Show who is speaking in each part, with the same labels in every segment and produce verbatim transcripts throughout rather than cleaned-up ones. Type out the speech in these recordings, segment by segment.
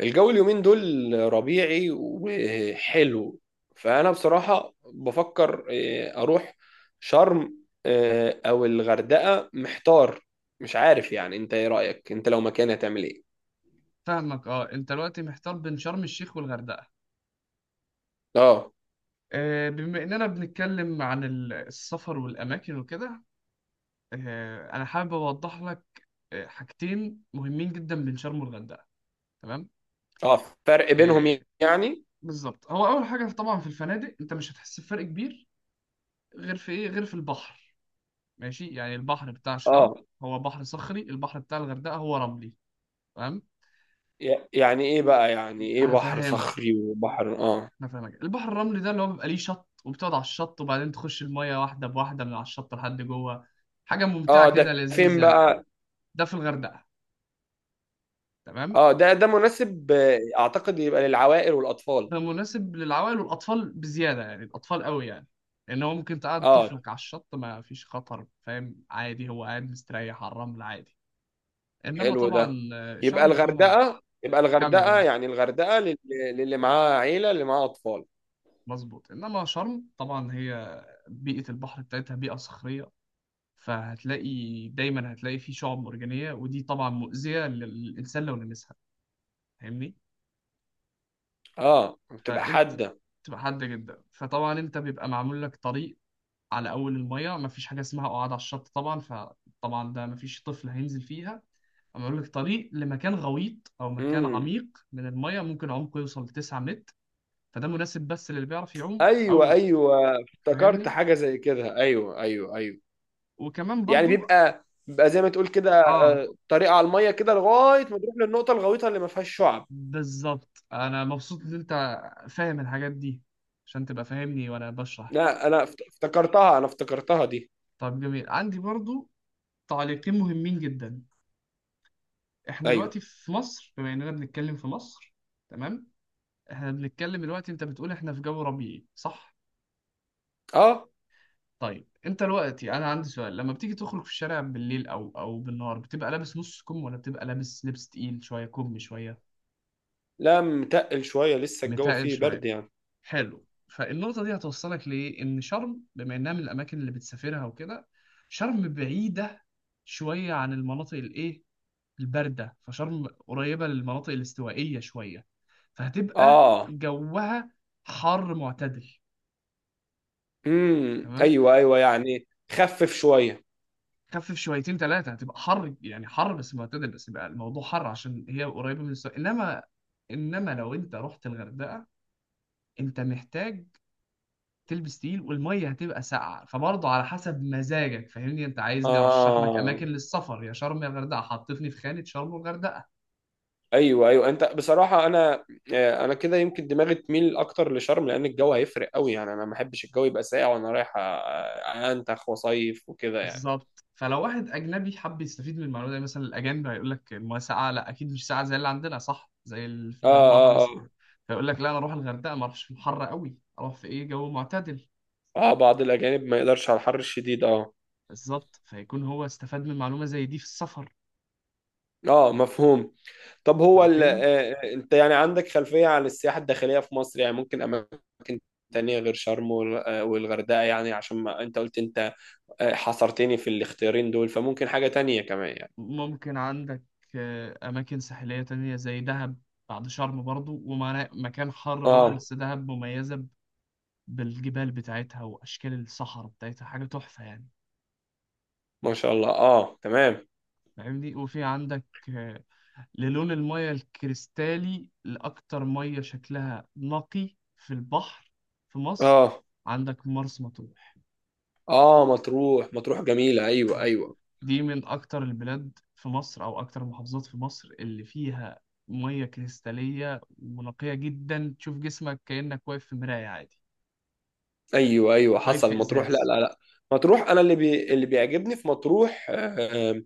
Speaker 1: الجو اليومين دول ربيعي وحلو. فأنا بصراحة بفكر آه، أروح شرم آه، أو الغردقة. محتار مش عارف. يعني أنت إيه رأيك؟ أنت لو مكاني هتعمل إيه؟
Speaker 2: فاهمك اه انت دلوقتي محتار بين شرم الشيخ والغردقه.
Speaker 1: آه.
Speaker 2: آه، بما اننا بنتكلم عن ال- السفر والاماكن وكده. آه، انا حابب اوضح لك آه، حاجتين مهمين جدا بين شرم والغردقه، تمام؟
Speaker 1: آه، فرق
Speaker 2: آه،
Speaker 1: بينهم يعني.
Speaker 2: بالظبط هو اول حاجه طبعا في الفنادق انت مش هتحس بفرق كبير، غير في ايه؟ غير في البحر. ماشي، يعني البحر بتاع شرم
Speaker 1: آه.
Speaker 2: هو بحر صخري، البحر بتاع الغردقه هو رملي، تمام؟
Speaker 1: ي- يعني إيه بقى، يعني إيه بحر
Speaker 2: هفهمك،
Speaker 1: صخري وبحر آه
Speaker 2: انا فاهمك. البحر الرملي ده اللي هو بيبقى ليه شط وبتقعد على الشط وبعدين تخش المية واحدة بواحدة من على الشط لحد جوه، حاجة
Speaker 1: آه،
Speaker 2: ممتعة كده
Speaker 1: ده فين
Speaker 2: لذيذة.
Speaker 1: بقى؟
Speaker 2: ده في الغردقة، تمام.
Speaker 1: آه. ده ده مناسب، آه، أعتقد يبقى للعوائل والأطفال.
Speaker 2: ده مناسب للعوائل والأطفال بزيادة، يعني الأطفال قوي يعني، لأن هو ممكن تقعد
Speaker 1: آه،
Speaker 2: طفلك على الشط ما فيش خطر، فاهم؟ عادي، هو قاعد مستريح على الرمل عادي. إنما
Speaker 1: حلو ده.
Speaker 2: طبعا آه،
Speaker 1: يبقى
Speaker 2: شرم فيها،
Speaker 1: الغردقة يبقى
Speaker 2: كمل
Speaker 1: الغردقة
Speaker 2: أهو.
Speaker 1: يعني الغردقة لل- للي معاه عيلة، اللي معاه أطفال.
Speaker 2: مظبوط، إنما شرم طبعا هي بيئة البحر بتاعتها بيئة صخرية، فهتلاقي دايما هتلاقي فيه شعب مرجانية، ودي طبعا مؤذية للإنسان لو لمسها، فاهمني؟
Speaker 1: اه، بتبقى
Speaker 2: فأنت
Speaker 1: حادة.
Speaker 2: تبقى حادة جدا، فطبعا أنت بيبقى معمول لك طريق على أول المية، مفيش حاجة اسمها قعاد على الشط طبعا، فطبعا ده مفيش طفل هينزل فيها. معمول لك طريق لمكان غويط أو مكان
Speaker 1: امم.
Speaker 2: عميق من المية، ممكن عمقه يوصل لتسعة متر، فده مناسب بس للي بيعرف يعوم
Speaker 1: ايوه،
Speaker 2: أو
Speaker 1: ايوه، افتكرت
Speaker 2: فاهمني.
Speaker 1: حاجة زي كده. ايوه، ايوه، ايوه.
Speaker 2: وكمان
Speaker 1: يعني
Speaker 2: برضو،
Speaker 1: بيبقى بيبقى زي ما تقول كده،
Speaker 2: اه
Speaker 1: آه، طريقة على المية كده لغاية ما تروح للنقطة الغويطة اللي ما فيهاش شعب.
Speaker 2: بالظبط، انا مبسوط ان انت فاهم الحاجات دي عشان تبقى فاهمني وانا بشرح.
Speaker 1: لا، انا افت- افتكرتها انا افتكرتها دي.
Speaker 2: طب جميل، عندي برضو تعليقين مهمين جدا. احنا
Speaker 1: ايوه.
Speaker 2: دلوقتي في مصر، بما اننا بنتكلم في مصر، تمام. احنا بنتكلم دلوقتي، انت بتقول احنا في جو ربيعي، صح؟
Speaker 1: اه.
Speaker 2: طيب انت دلوقتي انا عندي سؤال، لما بتيجي تخرج في الشارع بالليل او او بالنهار بتبقى لابس نص كم ولا بتبقى لابس لبس تقيل شويه، كم شويه؟
Speaker 1: لا، متقل شوية، لسه الجو
Speaker 2: متقل
Speaker 1: فيه
Speaker 2: شويه،
Speaker 1: برد يعني.
Speaker 2: حلو. فالنقطة دي هتوصلك لإيه؟ إن شرم بما إنها من الأماكن اللي بتسافرها وكده، شرم بعيدة شوية عن المناطق الإيه؟ الباردة. فشرم قريبة للمناطق الاستوائية شوية، فهتبقى
Speaker 1: اه.
Speaker 2: جوها حر معتدل،
Speaker 1: امم.
Speaker 2: تمام؟
Speaker 1: ايوه، ايوه، يعني خفف شوية.
Speaker 2: خفف شويتين ثلاثة، هتبقى حر، يعني حر بس معتدل، بس يبقى الموضوع حر عشان هي قريبة من الاستواء. إنما، إنما لو أنت رحت الغردقة أنت محتاج تلبس تقيل، والميه هتبقى ساقعه، فبرضه على حسب مزاجك، فاهمني؟ انت عايزني ارشح لك
Speaker 1: اه.
Speaker 2: اماكن للسفر، يا شرم يا غردقه، حطتني في خانه شرم والغردقه.
Speaker 1: ايوه، ايوه، انت بصراحه انا آه، انا كده يمكن دماغي تميل اكتر لشرم، لان الجو هيفرق قوي يعني. انا ما بحبش الجو يبقى ساقع وانا رايح، آه، انتخ وصيف وكده يعني.
Speaker 2: بالظبط، فلو واحد اجنبي حب يستفيد من المعلومه دي، مثلا الاجانب هيقول لك الميه ساقعه، لا اكيد مش ساقعه زي اللي عندنا، صح؟ زي اللي في
Speaker 1: اه،
Speaker 2: بلاد بره
Speaker 1: اه،
Speaker 2: مثلا،
Speaker 1: اه.
Speaker 2: فيقول لك لا انا اروح الغردقه، ما اروحش في الحر قوي، اروح في ايه؟ جو معتدل.
Speaker 1: اه، بعض الاجانب ما يقدرش على الحر الشديد. اه.
Speaker 2: بالظبط، فيكون هو استفاد من معلومه زي دي في السفر،
Speaker 1: اه، مفهوم. طب هو ال...
Speaker 2: فهمتني؟
Speaker 1: آه، آه، انت يعني عندك خلفيه عن السياحه الداخليه في مصر يعني؟ ممكن اماكن تانية غير شرم وال- آه، والغردقه يعني، عشان ما انت قلت انت آه، حصرتني في الاختيارين دول. فممكن حاجه تانية كمان يعني؟
Speaker 2: ممكن عندك آه، أماكن ساحلية تانية زي دهب، بعد شرم برضو، ومكان حر برضو،
Speaker 1: اه.
Speaker 2: بس دهب مميزة ب- بالجبال بتاعتها وأشكال الصحراء بتاعتها، حاجة تحفة يعني،
Speaker 1: ما شاء الله. اه، تمام.
Speaker 2: فاهمني؟ وفي عندك آه، للون المية الكريستالي، لأكتر مية شكلها نقي في البحر في مصر،
Speaker 1: اه،
Speaker 2: عندك مرسى مطروح.
Speaker 1: اه، مطروح، مطروح جميلة، ايوه،
Speaker 2: مطروح
Speaker 1: ايوه.
Speaker 2: دي من أكتر البلاد في مصر، أو أكتر المحافظات في مصر، اللي فيها مية كريستالية ونقية جدا، تشوف جسمك كأنك واقف في مراية عادي،
Speaker 1: ايوه، ايوه،
Speaker 2: واقف
Speaker 1: حصل.
Speaker 2: في
Speaker 1: مطروح، لا،
Speaker 2: إزاز.
Speaker 1: لا، لا. مطروح، انا اللي بي... اللي بيعجبني في مطروح آه،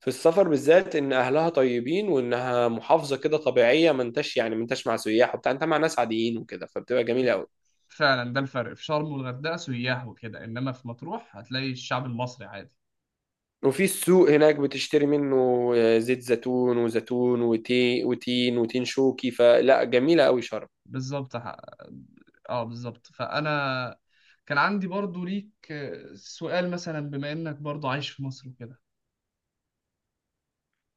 Speaker 1: في السفر بالذات، ان اهلها طيبين وانها محافظة كده طبيعية. ما انتش يعني ما انتش مع سياح وبتاع، انت مع ناس عاديين وكده، فبتبقى جميلة قوي.
Speaker 2: فعلا ده الفرق في شرم والغردقة، سياح وكده، إنما في مطروح هتلاقي الشعب المصري عادي.
Speaker 1: وفي السوق هناك بتشتري منه آه، زيت زيتون، وزيتون، وتي... وتين، وتين شوكي. فلا، جميلة قوي شرم.
Speaker 2: بالظبط. ح- اه بالظبط، فأنا كان عندي برضو ليك سؤال، مثلا بما إنك برضو عايش في مصر وكده،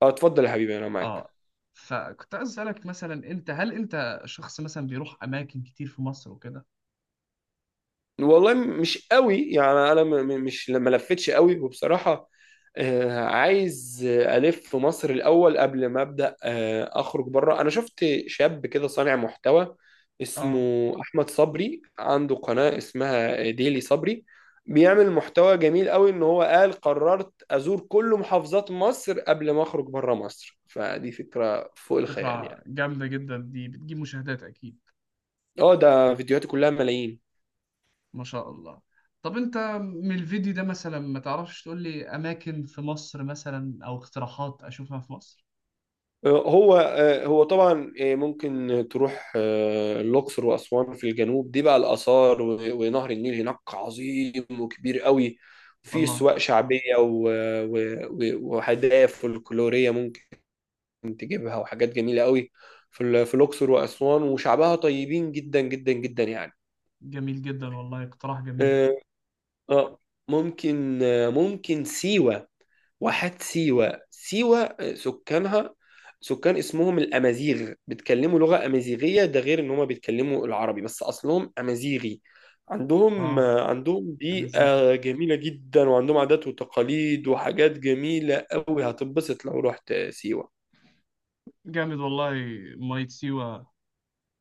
Speaker 1: اه، اتفضل يا حبيبي، انا معاك.
Speaker 2: اه. فكنت عايز اسالك مثلا، انت هل انت شخص مثلا بيروح اماكن كتير في مصر وكده؟
Speaker 1: والله م- مش قوي يعني. انا م- م- مش ما لفتش قوي وبصراحه، آه، عايز آه، الف في مصر الاول قبل ما ابدا آه، اخرج بره. انا شفت شاب كده صانع محتوى اسمه
Speaker 2: اه،
Speaker 1: احمد صبري، عنده قناه اسمها ديلي صبري، بيعمل محتوى جميل قوي. ان هو قال قررت ازور كل محافظات مصر قبل ما اخرج بره مصر. فدي فكره فوق الخيال
Speaker 2: فكره
Speaker 1: يعني.
Speaker 2: جامده جدا دي، بتجيب مشاهدات اكيد.
Speaker 1: اه. ده فيديوهاته كلها ملايين.
Speaker 2: ما شاء الله. طب انت من الفيديو ده مثلا، ما تعرفش تقول لي اماكن في مصر مثلا، او اقتراحات اشوفها في مصر؟
Speaker 1: هو هو طبعا، آه، ممكن تروح آه، الأقصر وأسوان في الجنوب. دي بقى الآثار، و- ونهر النيل هناك عظيم وكبير قوي. وفي
Speaker 2: والله
Speaker 1: سواق شعبية و- و- و- وهدايا فلكلورية ممكن تجيبها، وحاجات جميلة قوي في ال- في الأقصر وأسوان. وشعبها طيبين جدا جدا جدا يعني.
Speaker 2: جميل جدا، والله اقتراح جميل.
Speaker 1: آه، آه، ممكن، آه، ممكن سيوة، واحات سيوة، سيوة آه، سكانها سكان اسمهم الأمازيغ، بيتكلموا لغة أمازيغية. ده غير إن هما بيتكلموا العربي بس أصلهم أمازيغي. عندهم
Speaker 2: اه،
Speaker 1: آه، عندهم
Speaker 2: يا مزيف،
Speaker 1: بيئة جميلة جدا، وعندهم عادات وتقاليد وحاجات جميلة قوي. هتنبسط لو رحت سيوة.
Speaker 2: جامد والله. ميه سيوه،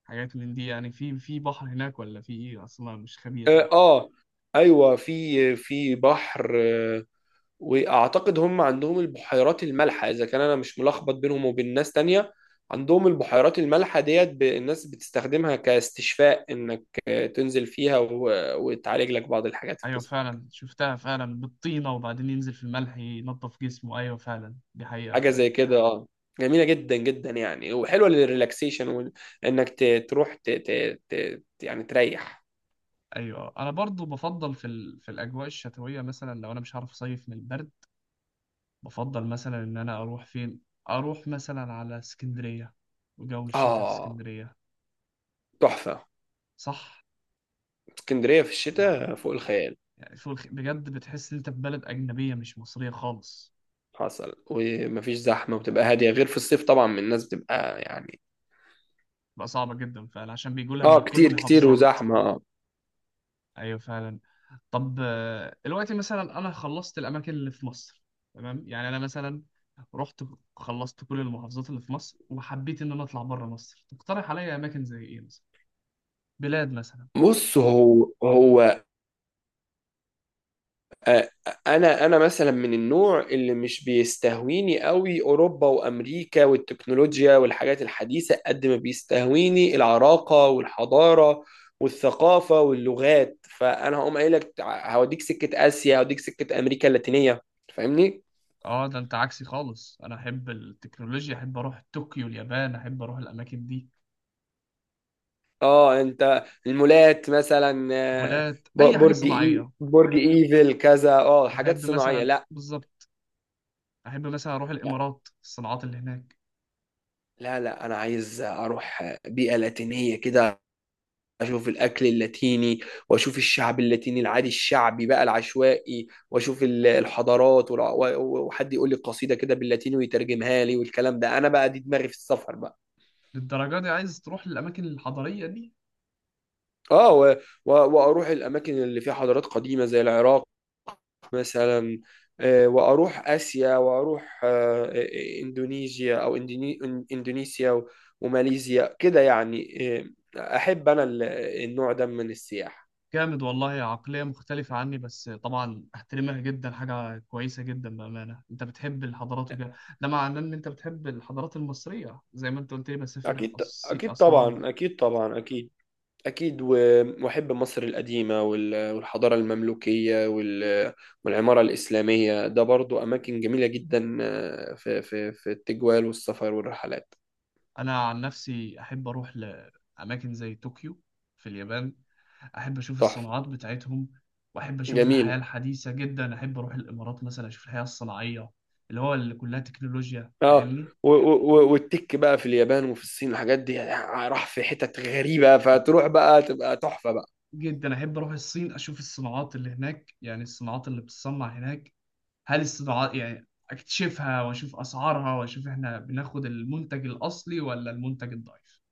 Speaker 2: حاجات من دي؟ يعني في في بحر هناك ولا في ايه؟ اصلا مش خبير قوي.
Speaker 1: آه. آه، أيوة، في آه، في بحر. آه، واعتقد هم عندهم البحيرات المالحه، اذا كان انا مش ملخبط بينهم وبين ناس تانية. عندهم البحيرات المالحه ديت، ب- الناس بتستخدمها كاستشفاء، انك تنزل فيها و- وتعالج لك بعض الحاجات في
Speaker 2: ايوه
Speaker 1: جسمك.
Speaker 2: فعلا، شفتها فعلا بالطينه وبعدين ينزل في الملح ينظف جسمه، ايوه فعلا دي حقيقه
Speaker 1: حاجه
Speaker 2: فعلا.
Speaker 1: زي كده. اه. جميله جدا جدا يعني، وحلوه للريلاكسيشن وال- انك ت- تروح ت... ت... ت... يعني تريح.
Speaker 2: ايوه، انا برضو بفضل في ال... في الاجواء الشتويه مثلا، لو انا مش عارف اصيف من البرد، بفضل مثلا ان انا اروح فين، اروح مثلا على اسكندريه، وجو الشتاء في
Speaker 1: اه،
Speaker 2: اسكندريه،
Speaker 1: تحفه.
Speaker 2: صح؟
Speaker 1: اسكندريه في
Speaker 2: يعني،
Speaker 1: الشتاء فوق الخيال.
Speaker 2: يعني فوق الخ- بجد بتحس ان انت في بلد اجنبيه مش مصريه خالص.
Speaker 1: حصل. ومفيش زحمه، وبتبقى هاديه غير في الصيف، طبعا الناس بتبقى يعني.
Speaker 2: بقى صعبه جدا فعلا عشان بيجوا لها
Speaker 1: اه،
Speaker 2: من كل
Speaker 1: كتير كتير
Speaker 2: محافظات،
Speaker 1: وزحمه. اه.
Speaker 2: ايوه فعلا. طب آه، دلوقتي مثلا انا خلصت الاماكن اللي في مصر، تمام؟ يعني انا مثلا رحت خلصت كل المحافظات اللي في مصر، وحبيت ان انا اطلع بره مصر، تقترح عليا اماكن زي ايه مثلا؟ بلاد مثلا.
Speaker 1: بص، هو هو آه، انا انا مثلا من النوع اللي مش بيستهويني قوي اوروبا وامريكا والتكنولوجيا والحاجات الحديثه، قد ما بيستهويني العراقه والحضاره والثقافه واللغات. فانا هقوم قايل لك تع- هوديك سكه اسيا، هوديك سكه امريكا اللاتينيه. فاهمني.
Speaker 2: اه ده انت عكسي خالص، انا احب التكنولوجيا، احب اروح طوكيو اليابان، احب اروح الاماكن دي،
Speaker 1: اه، انت المولات مثلا آه،
Speaker 2: مولات،
Speaker 1: ب-
Speaker 2: اي حاجه
Speaker 1: برج، اي
Speaker 2: صناعيه.
Speaker 1: برج ايفل، كذا. اه، حاجات
Speaker 2: احب
Speaker 1: صناعيه؟
Speaker 2: مثلا،
Speaker 1: لا.
Speaker 2: بالظبط، احب مثلا اروح الامارات، الصناعات اللي هناك.
Speaker 1: لا، لا، انا عايز اروح بيئة لاتينية كده، اشوف الاكل اللاتيني، واشوف الشعب اللاتيني العادي الشعبي بقى العشوائي، واشوف ال- الحضارات والع- و- و- وحد يقول لي قصيدة كده باللاتيني ويترجمها لي والكلام ده. انا بقى، دي دماغي في السفر بقى.
Speaker 2: للدرجه دي عايز تروح للاماكن الحضاريه دي؟
Speaker 1: اه. و- و- واروح الاماكن اللي فيها حضارات قديمة زي العراق مثلا. آه، واروح اسيا، واروح آه، آه، اندونيسيا، او إندوني- إن- اندونيسيا و- وماليزيا كده يعني. آه، احب انا ال- النوع ده من السياحة.
Speaker 2: جامد والله، عقلية مختلفة عني، بس طبعا أحترمها جدا، حاجة كويسة جدا بأمانة. أنت بتحب الحضارات وكده، ده معناه إن أنت بتحب الحضارات المصرية زي ما أنت قلت لي بسافر
Speaker 1: اكيد،
Speaker 2: أس-
Speaker 1: اكيد،
Speaker 2: أسوان.
Speaker 1: طبعا، اكيد، طبعا، اكيد، اكيد. و- واحب مصر القديمة، وال- والحضارة المملوكية، وال- والعمارة الإسلامية. ده برضو اماكن جميلة جدا آه، في في في التجوال والسفر والرحلات.
Speaker 2: أنا عن نفسي أحب أروح لأماكن زي طوكيو في اليابان، أحب أشوف
Speaker 1: تحفة.
Speaker 2: الصناعات بتاعتهم، وأحب أشوف الحياة
Speaker 1: جميلة.
Speaker 2: الحديثة جدا. أحب أروح الإمارات مثلا، أشوف الحياة الصناعية، اللي هو اللي كلها تكنولوجيا،
Speaker 1: اه.
Speaker 2: فاهمني؟
Speaker 1: و- و- و- والتك بقى في اليابان وفي الصين، الحاجات دي راح في حتت غريبة، فتروح بقى تبقى تحفة بقى.
Speaker 2: جدا احب اروح الصين، اشوف الصناعات اللي هناك، يعني الصناعات اللي بتصنع هناك، هل الصناعات يعني اكتشفها واشوف اسعارها، واشوف احنا بناخد المنتج الاصلي ولا المنتج الضعيف.